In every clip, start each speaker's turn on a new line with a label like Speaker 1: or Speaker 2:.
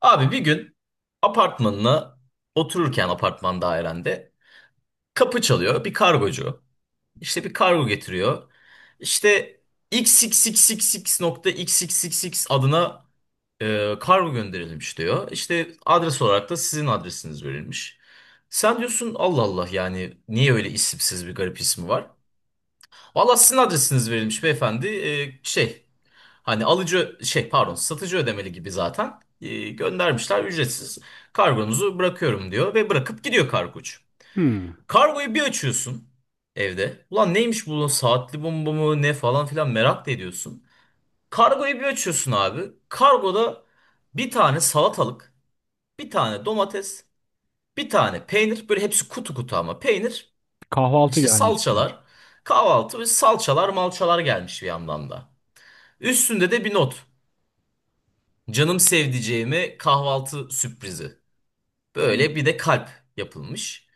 Speaker 1: Abi bir gün apartmanına otururken apartman dairende kapı çalıyor bir kargocu. İşte bir kargo getiriyor. İşte xxxxx.xxxx adına kargo gönderilmiş diyor. İşte adres olarak da sizin adresiniz verilmiş. Sen diyorsun Allah Allah yani niye öyle isimsiz bir garip ismi var? Valla sizin adresiniz verilmiş beyefendi. Hani alıcı şey pardon satıcı ödemeli gibi zaten. Göndermişler ücretsiz. Kargonuzu bırakıyorum diyor ve bırakıp gidiyor kargocu.
Speaker 2: Hmm,
Speaker 1: Kargoyu bir açıyorsun evde. Ulan neymiş bu, saatli bomba mı ne falan filan merak da ediyorsun. Kargoyu bir açıyorsun abi. Kargoda bir tane salatalık, bir tane domates, bir tane peynir. Böyle hepsi kutu kutu ama peynir.
Speaker 2: kahvaltı
Speaker 1: İşte
Speaker 2: gelmişti.
Speaker 1: salçalar, kahvaltı ve salçalar malçalar gelmiş bir yandan da. Üstünde de bir not. Canım sevdiceğime kahvaltı sürprizi. Böyle bir de kalp yapılmış.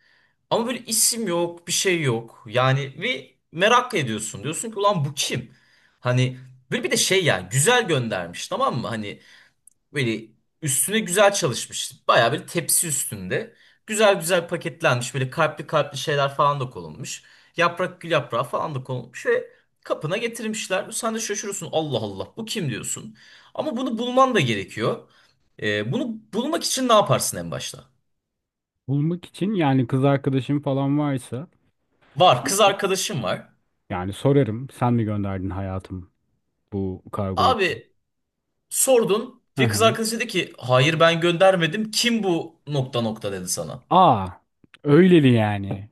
Speaker 1: Ama böyle isim yok, bir şey yok. Yani ve merak ediyorsun. Diyorsun ki ulan bu kim? Hani böyle bir de şey, yani güzel göndermiş, tamam mı? Hani böyle üstüne güzel çalışmış. Bayağı böyle tepsi üstünde. Güzel güzel paketlenmiş. Böyle kalpli kalpli şeyler falan da konulmuş. Yaprak, gül yaprağı falan da konulmuş ve kapına getirmişler. Sen de şaşırıyorsun. Allah Allah bu kim diyorsun. Ama bunu bulman da gerekiyor. Bunu bulmak için ne yaparsın en başta?
Speaker 2: Bulmak için yani kız arkadaşım falan varsa
Speaker 1: Var, kız arkadaşım var.
Speaker 2: yani sorarım. Sen mi gönderdin hayatım bu kargoyu?
Speaker 1: Abi sordun
Speaker 2: Hı
Speaker 1: ve kız
Speaker 2: hı.
Speaker 1: arkadaşı dedi ki hayır ben göndermedim. Kim bu nokta nokta dedi sana.
Speaker 2: Aa, öyleli yani.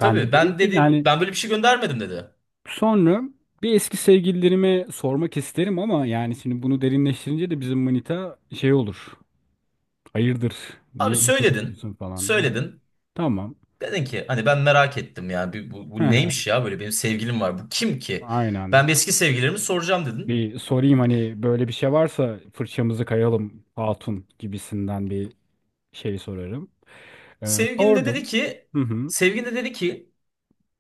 Speaker 2: Ben de derim
Speaker 1: ben
Speaker 2: ki
Speaker 1: dedi,
Speaker 2: yani
Speaker 1: ben böyle bir şey göndermedim dedi.
Speaker 2: sonra bir eski sevgililerime sormak isterim ama yani şimdi bunu derinleştirince de bizim manita şey olur. Hayırdır?
Speaker 1: Abi
Speaker 2: Niye mesaj
Speaker 1: söyledin.
Speaker 2: yapıyorsun falan. Yani
Speaker 1: Söyledin.
Speaker 2: tamam.
Speaker 1: Dedin ki hani ben merak ettim ya. Bir- Bu,
Speaker 2: Hı
Speaker 1: bu
Speaker 2: hı.
Speaker 1: neymiş ya, böyle benim sevgilim var. Bu kim ki?
Speaker 2: Aynen.
Speaker 1: Ben bir eski sevgililerimi soracağım dedin.
Speaker 2: Bir sorayım hani böyle bir şey varsa fırçamızı kayalım hatun gibisinden bir şeyi sorarım.
Speaker 1: Sevgilin de dedi
Speaker 2: Sordum.
Speaker 1: ki
Speaker 2: Hı hı.
Speaker 1: sevgilin de dedi ki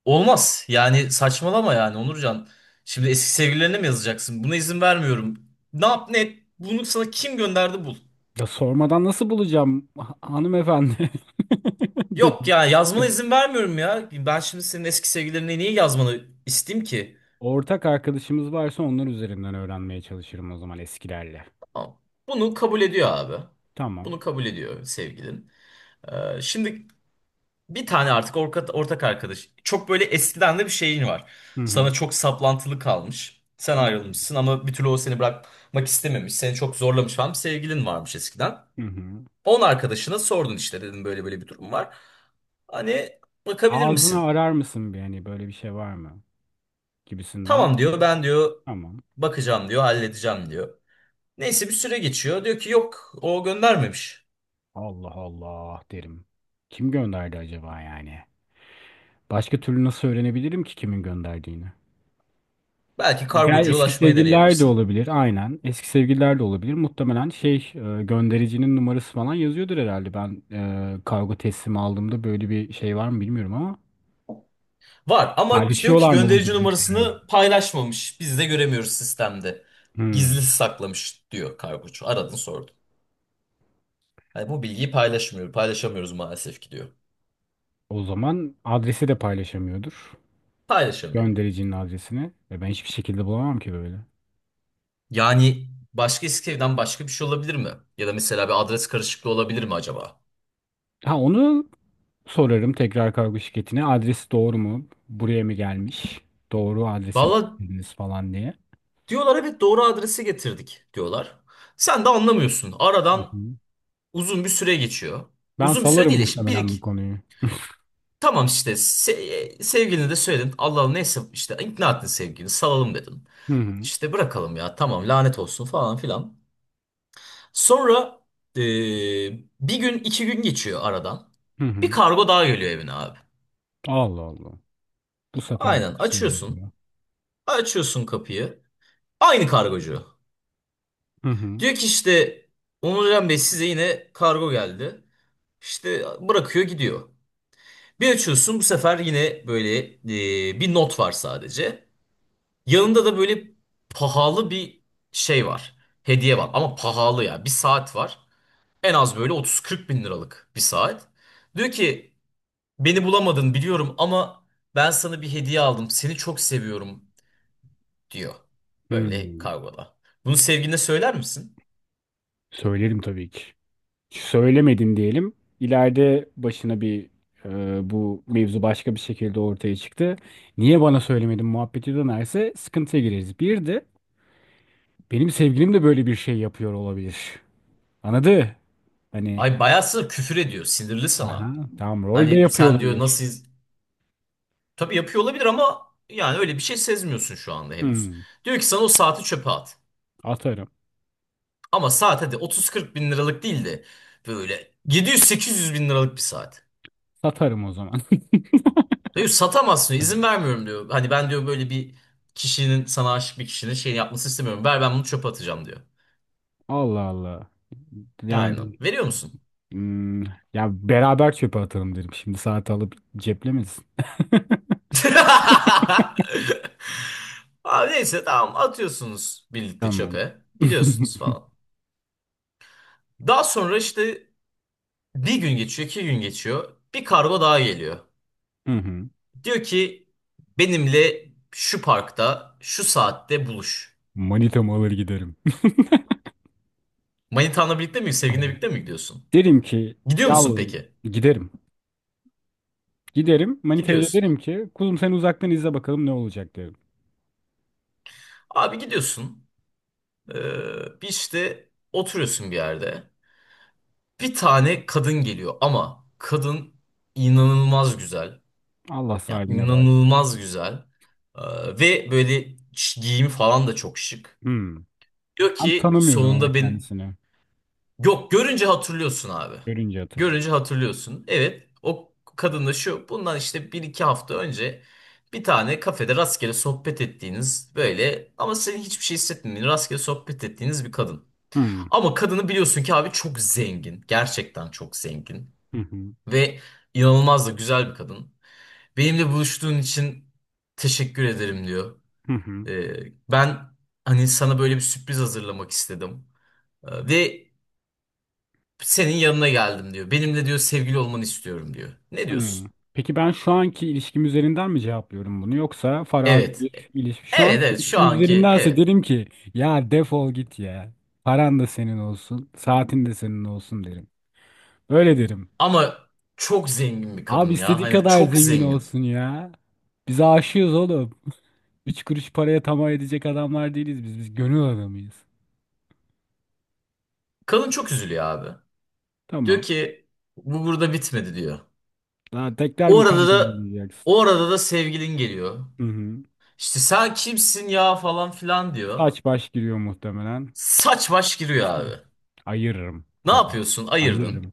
Speaker 1: olmaz. Yani saçmalama yani Onurcan. Şimdi eski sevgililerine mi yazacaksın? Buna izin vermiyorum. Ne yap ne et. Bunu sana kim gönderdi bul.
Speaker 2: Ya sormadan nasıl bulacağım hanımefendi
Speaker 1: Yok
Speaker 2: dedim.
Speaker 1: ya, yazmana izin vermiyorum ya. Ben şimdi senin eski sevgililerine niye yazmanı isteyeyim ki?
Speaker 2: Ortak arkadaşımız varsa onlar üzerinden öğrenmeye çalışırım o zaman eskilerle.
Speaker 1: Tamam. Bunu kabul ediyor abi.
Speaker 2: Tamam.
Speaker 1: Bunu kabul ediyor sevgilin. Şimdi bir tane artık ortak arkadaş. Çok böyle eskiden de bir şeyin var.
Speaker 2: Hı
Speaker 1: Sana
Speaker 2: hı.
Speaker 1: çok saplantılı kalmış. Sen
Speaker 2: Hı
Speaker 1: ayrılmışsın ama bir türlü o seni bırakmak istememiş. Seni çok zorlamış falan, bir sevgilin varmış eskiden.
Speaker 2: hı. Hı.
Speaker 1: Onun arkadaşına sordun, işte dedim böyle böyle bir durum var. Hani bakabilir
Speaker 2: Ağzını
Speaker 1: misin?
Speaker 2: arar mısın bir hani böyle bir şey var mı gibisinden.
Speaker 1: Tamam diyor, ben diyor
Speaker 2: Tamam.
Speaker 1: bakacağım diyor, halledeceğim diyor. Neyse bir süre geçiyor. Diyor ki yok, o göndermemiş.
Speaker 2: Allah Allah derim. Kim gönderdi acaba yani? Başka türlü nasıl öğrenebilirim ki kimin gönderdiğini?
Speaker 1: Belki
Speaker 2: Gel
Speaker 1: kargocuya
Speaker 2: eski
Speaker 1: ulaşmayı
Speaker 2: sevgililer de
Speaker 1: deneyebilirsin.
Speaker 2: olabilir aynen. Eski sevgililer de olabilir. Muhtemelen şey göndericinin numarası falan yazıyordur herhalde. Ben kargo teslimi aldığımda böyle bir şey var mı bilmiyorum ama
Speaker 1: Var ama işte diyor ki
Speaker 2: paylaşıyorlar mı bu
Speaker 1: gönderici
Speaker 2: bilgiyi yani?
Speaker 1: numarasını paylaşmamış. Biz de göremiyoruz sistemde. Gizli
Speaker 2: Hmm.
Speaker 1: saklamış diyor kargocu. Aradın sordun. Hani bu bilgiyi paylaşmıyor. Paylaşamıyoruz maalesef ki diyor.
Speaker 2: O zaman adresi de paylaşamıyordur.
Speaker 1: Paylaşamıyor.
Speaker 2: Göndericinin adresini. Ve ben hiçbir şekilde bulamam ki böyle.
Speaker 1: Yani başka, Eskişehir'den başka bir şey olabilir mi? Ya da mesela bir adres karışıklığı olabilir mi acaba?
Speaker 2: Ha onu sorarım tekrar kargo şirketine. Adresi doğru mu? Buraya mı gelmiş? Doğru adrese mi
Speaker 1: Valla
Speaker 2: verdiniz falan diye.
Speaker 1: diyorlar evet doğru adresi getirdik diyorlar. Sen de anlamıyorsun.
Speaker 2: Hı
Speaker 1: Aradan
Speaker 2: hı.
Speaker 1: uzun bir süre geçiyor.
Speaker 2: Ben
Speaker 1: Uzun bir süre
Speaker 2: salarım
Speaker 1: değil de işte 1
Speaker 2: muhtemelen bu konuyu.
Speaker 1: Tamam işte se sevgilini de söyledin. Allah Allah neyse, işte ikna ettin sevgilini, salalım dedin.
Speaker 2: Hı hı.
Speaker 1: İşte bırakalım ya, tamam, lanet olsun falan filan. Sonra e, bir gün iki gün geçiyor aradan.
Speaker 2: Hı
Speaker 1: Bir
Speaker 2: hı.
Speaker 1: kargo daha geliyor evine abi.
Speaker 2: Allah Allah. Bu sefer de
Speaker 1: Aynen
Speaker 2: çıkıyor
Speaker 1: açıyorsun.
Speaker 2: video.
Speaker 1: Açıyorsun kapıyı. Aynı kargocu.
Speaker 2: Hı hı.
Speaker 1: Diyor ki işte Onurcan Bey size yine kargo geldi. İşte bırakıyor gidiyor. Bir açıyorsun bu sefer yine böyle bir not var sadece. Yanında da böyle pahalı bir şey var. Hediye var ama pahalı ya. Bir saat var. En az böyle 30-40 bin liralık bir saat. Diyor ki beni bulamadın biliyorum ama ben sana bir hediye aldım. Seni çok seviyorum diyor.
Speaker 2: Hı.
Speaker 1: Böyle kavgada. Bunu sevgiline söyler misin?
Speaker 2: Söylerim tabii ki. Söylemedin diyelim. İleride başına bir bu mevzu başka bir şekilde ortaya çıktı. Niye bana söylemedin muhabbeti dönerse sıkıntıya gireriz. Bir de benim sevgilim de böyle bir şey yapıyor olabilir. Anladı? Hani
Speaker 1: Ay, bayağı sana küfür ediyor. Sinirli sana.
Speaker 2: aha, tamam rol de
Speaker 1: Hani
Speaker 2: yapıyor
Speaker 1: sen diyor
Speaker 2: olabilir.
Speaker 1: nasıl... Tabii yapıyor olabilir ama yani öyle bir şey sezmiyorsun şu anda henüz.
Speaker 2: Hı.
Speaker 1: Diyor ki sana o saati çöpe at.
Speaker 2: Atarım.
Speaker 1: Ama saat hadi 30-40 bin liralık değil de böyle 700-800 bin liralık bir saat.
Speaker 2: Satarım o zaman.
Speaker 1: Diyor satamazsın diyor, izin vermiyorum diyor. Hani ben diyor böyle bir kişinin, sana aşık bir kişinin şey yapmasını istemiyorum. Ver, ben bunu çöpe atacağım diyor.
Speaker 2: Allah Allah.
Speaker 1: Aynen.
Speaker 2: Yani
Speaker 1: Veriyor musun?
Speaker 2: hmm, ya beraber çöpe atalım derim. Şimdi saati alıp ceplemesin.
Speaker 1: Abi neyse tamam, atıyorsunuz birlikte
Speaker 2: Tamam.
Speaker 1: çöpe. Gidiyorsunuz falan. Daha sonra işte bir gün geçiyor, iki gün geçiyor. Bir kargo daha geliyor.
Speaker 2: Hı hı.
Speaker 1: Diyor ki benimle şu parkta şu saatte buluş.
Speaker 2: Manitamı alır giderim.
Speaker 1: Manitanla birlikte mi, sevgilinle birlikte mi gidiyorsun?
Speaker 2: Derim ki
Speaker 1: Gidiyor musun
Speaker 2: yavrum
Speaker 1: peki?
Speaker 2: giderim. Giderim. Manitaya da
Speaker 1: Gidiyorsun.
Speaker 2: derim ki kuzum sen uzaktan izle bakalım ne olacak derim.
Speaker 1: Abi gidiyorsun. Bir işte oturuyorsun bir yerde. Bir tane kadın geliyor ama kadın inanılmaz güzel.
Speaker 2: Allah
Speaker 1: Yani
Speaker 2: sahibine bağışlasın.
Speaker 1: inanılmaz güzel. Ve böyle giyimi falan da çok şık.
Speaker 2: Hmm.
Speaker 1: Diyor
Speaker 2: Ben
Speaker 1: ki
Speaker 2: tanımıyorum ama
Speaker 1: sonunda ben.
Speaker 2: kendisini.
Speaker 1: Yok, görünce hatırlıyorsun abi.
Speaker 2: Görünce hatırlıyorum.
Speaker 1: Görünce hatırlıyorsun. Evet, o kadınla şu bundan işte bir iki hafta önce bir tane kafede rastgele sohbet ettiğiniz, böyle ama senin hiçbir şey hissetmediğin rastgele sohbet ettiğiniz bir kadın.
Speaker 2: Hmm.
Speaker 1: Ama kadını biliyorsun ki abi çok zengin. Gerçekten çok zengin.
Speaker 2: Hı hı.
Speaker 1: Ve inanılmaz da güzel bir kadın. Benimle buluştuğun için teşekkür ederim diyor.
Speaker 2: Hı hı.
Speaker 1: Ben hani sana böyle bir sürpriz hazırlamak istedim. Ve senin yanına geldim diyor. Benimle diyor sevgili olmanı istiyorum diyor. Ne
Speaker 2: Hmm.
Speaker 1: diyorsun?
Speaker 2: Peki ben şu anki ilişkim üzerinden mi cevaplıyorum bunu yoksa farazi
Speaker 1: Evet.
Speaker 2: bir ilişki. Şu
Speaker 1: Evet
Speaker 2: anki
Speaker 1: evet, şu
Speaker 2: ilişkim
Speaker 1: anki,
Speaker 2: üzerindense
Speaker 1: evet.
Speaker 2: derim ki ya defol git ya. Paran da senin olsun, saatin de senin olsun derim. Öyle derim.
Speaker 1: Ama çok zengin bir
Speaker 2: Abi
Speaker 1: kadın ya.
Speaker 2: istediği
Speaker 1: Hani
Speaker 2: kadar
Speaker 1: çok
Speaker 2: zengin
Speaker 1: zengin.
Speaker 2: olsun ya. Biz aşığız oğlum. Üç kuruş paraya tamah edecek adamlar değiliz biz. Biz gönül adamıyız.
Speaker 1: Kadın çok üzülüyor abi. Diyor
Speaker 2: Tamam.
Speaker 1: ki bu burada bitmedi diyor.
Speaker 2: Daha tekrar
Speaker 1: O
Speaker 2: mı
Speaker 1: arada
Speaker 2: kankim
Speaker 1: da
Speaker 2: diyeceksin?
Speaker 1: o arada da sevgilin geliyor.
Speaker 2: Hı hı.
Speaker 1: İşte sen kimsin ya falan filan diyor.
Speaker 2: Saç baş giriyor muhtemelen.
Speaker 1: Saç baş giriyor abi.
Speaker 2: Ayırırım
Speaker 1: Ne
Speaker 2: tabii.
Speaker 1: yapıyorsun? Ayırdın.
Speaker 2: Ayırırım.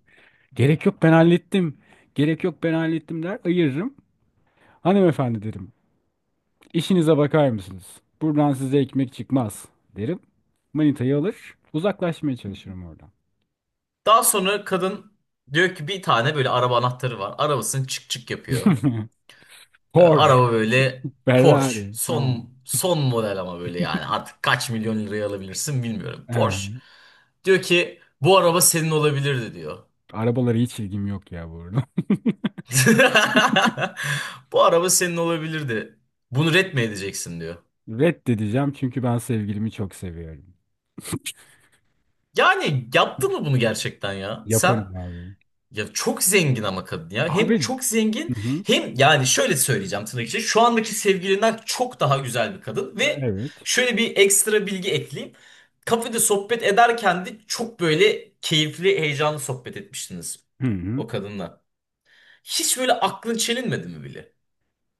Speaker 2: Gerek yok ben hallettim. Gerek yok ben hallettim der ayırırım. Hanımefendi derim. İşinize bakar mısınız? Buradan size ekmek çıkmaz derim. Manitayı alır. Uzaklaşmaya çalışırım oradan.
Speaker 1: Daha sonra kadın diyor ki bir tane böyle araba anahtarı var. Arabasını çık çık yapıyor.
Speaker 2: Porsche,
Speaker 1: Araba böyle Porsche.
Speaker 2: Ferrari. Ha.
Speaker 1: Son son model ama böyle yani. Artık kaç milyon liraya alabilirsin bilmiyorum. Porsche.
Speaker 2: Ha.
Speaker 1: Diyor ki bu araba senin olabilirdi diyor.
Speaker 2: Arabalara hiç ilgim yok ya bu arada.
Speaker 1: Bu araba senin olabilirdi. Bunu ret mi edeceksin diyor.
Speaker 2: Reddedeceğim çünkü ben sevgilimi çok seviyorum.
Speaker 1: Yani yaptı mı bunu gerçekten ya? Sen.
Speaker 2: Yaparım abi.
Speaker 1: Ya çok zengin ama kadın ya. Hem
Speaker 2: Abi.
Speaker 1: çok zengin
Speaker 2: Hı hı.
Speaker 1: hem, yani şöyle söyleyeceğim, tırnak içinde, şu andaki sevgilinden çok daha güzel bir kadın. Ve
Speaker 2: Evet.
Speaker 1: şöyle bir ekstra bilgi ekleyeyim. Kafede sohbet ederken de çok böyle keyifli, heyecanlı sohbet etmiştiniz
Speaker 2: Hı hı.
Speaker 1: o kadınla. Hiç böyle aklın çelinmedi mi bile?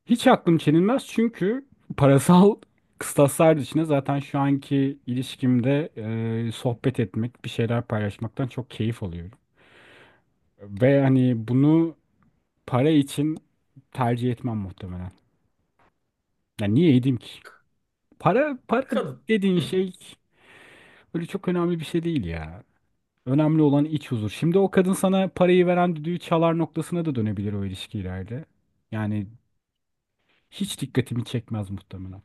Speaker 2: Hiç aklım çelinmez çünkü parasal kıstaslar dışında zaten şu anki ilişkimde sohbet etmek, bir şeyler paylaşmaktan çok keyif alıyorum. Ve hani bunu para için tercih etmem muhtemelen. Yani niye edeyim ki? Para
Speaker 1: Kadın.
Speaker 2: dediğin
Speaker 1: Hı.
Speaker 2: şey öyle çok önemli bir şey değil ya. Önemli olan iç huzur. Şimdi o kadın sana parayı veren düdüğü çalar noktasına da dönebilir o ilişki ileride. Yani hiç dikkatimi çekmez muhtemelen.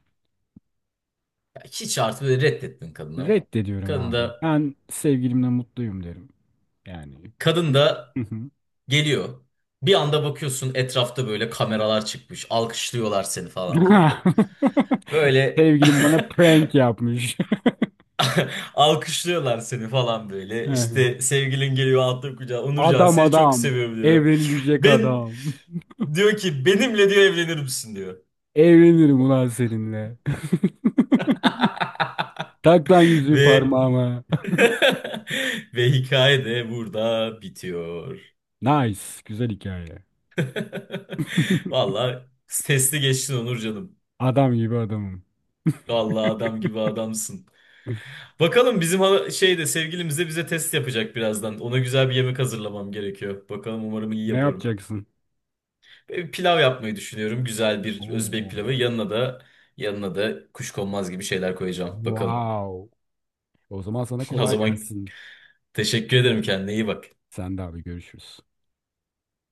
Speaker 1: Ya hiç, artık böyle reddettin kadını.
Speaker 2: Reddediyorum
Speaker 1: Kadın
Speaker 2: abi.
Speaker 1: da,
Speaker 2: Ben sevgilimle mutluyum derim. Yani.
Speaker 1: kadın da
Speaker 2: Hı hı.
Speaker 1: geliyor. Bir anda bakıyorsun etrafta böyle kameralar çıkmış. Alkışlıyorlar seni falan filan. Böyle
Speaker 2: Sevgilim bana prank yapmış.
Speaker 1: alkışlıyorlar seni falan böyle.
Speaker 2: Hı hı.
Speaker 1: İşte sevgilin geliyor altın kucağa. Onurcan
Speaker 2: Adam
Speaker 1: seni çok
Speaker 2: adam.
Speaker 1: seviyorum diyor.
Speaker 2: Evlenilecek
Speaker 1: Ben
Speaker 2: adam.
Speaker 1: diyor ki benimle diyor evlenir misin diyor.
Speaker 2: Evlenirim ulan seninle. Tak lan yüzüğü
Speaker 1: Ve
Speaker 2: parmağıma.
Speaker 1: ve hikaye de burada bitiyor.
Speaker 2: Nice. Güzel hikaye.
Speaker 1: Vallahi testi geçtin Onur.
Speaker 2: Adam gibi adamım.
Speaker 1: Vallahi adam gibi adamsın. Bakalım bizim şeyde sevgilimiz de bize test yapacak birazdan. Ona güzel bir yemek hazırlamam gerekiyor. Bakalım umarım iyi
Speaker 2: Ne
Speaker 1: yaparım.
Speaker 2: yapacaksın?
Speaker 1: Pilav yapmayı düşünüyorum. Güzel bir Özbek pilavı.
Speaker 2: Oo.
Speaker 1: Yanına da kuşkonmaz gibi şeyler koyacağım. Bakalım.
Speaker 2: Wow. O zaman sana
Speaker 1: O
Speaker 2: kolay
Speaker 1: zaman
Speaker 2: gelsin.
Speaker 1: teşekkür ederim. Kendine iyi bak.
Speaker 2: Sen de abi görüşürüz.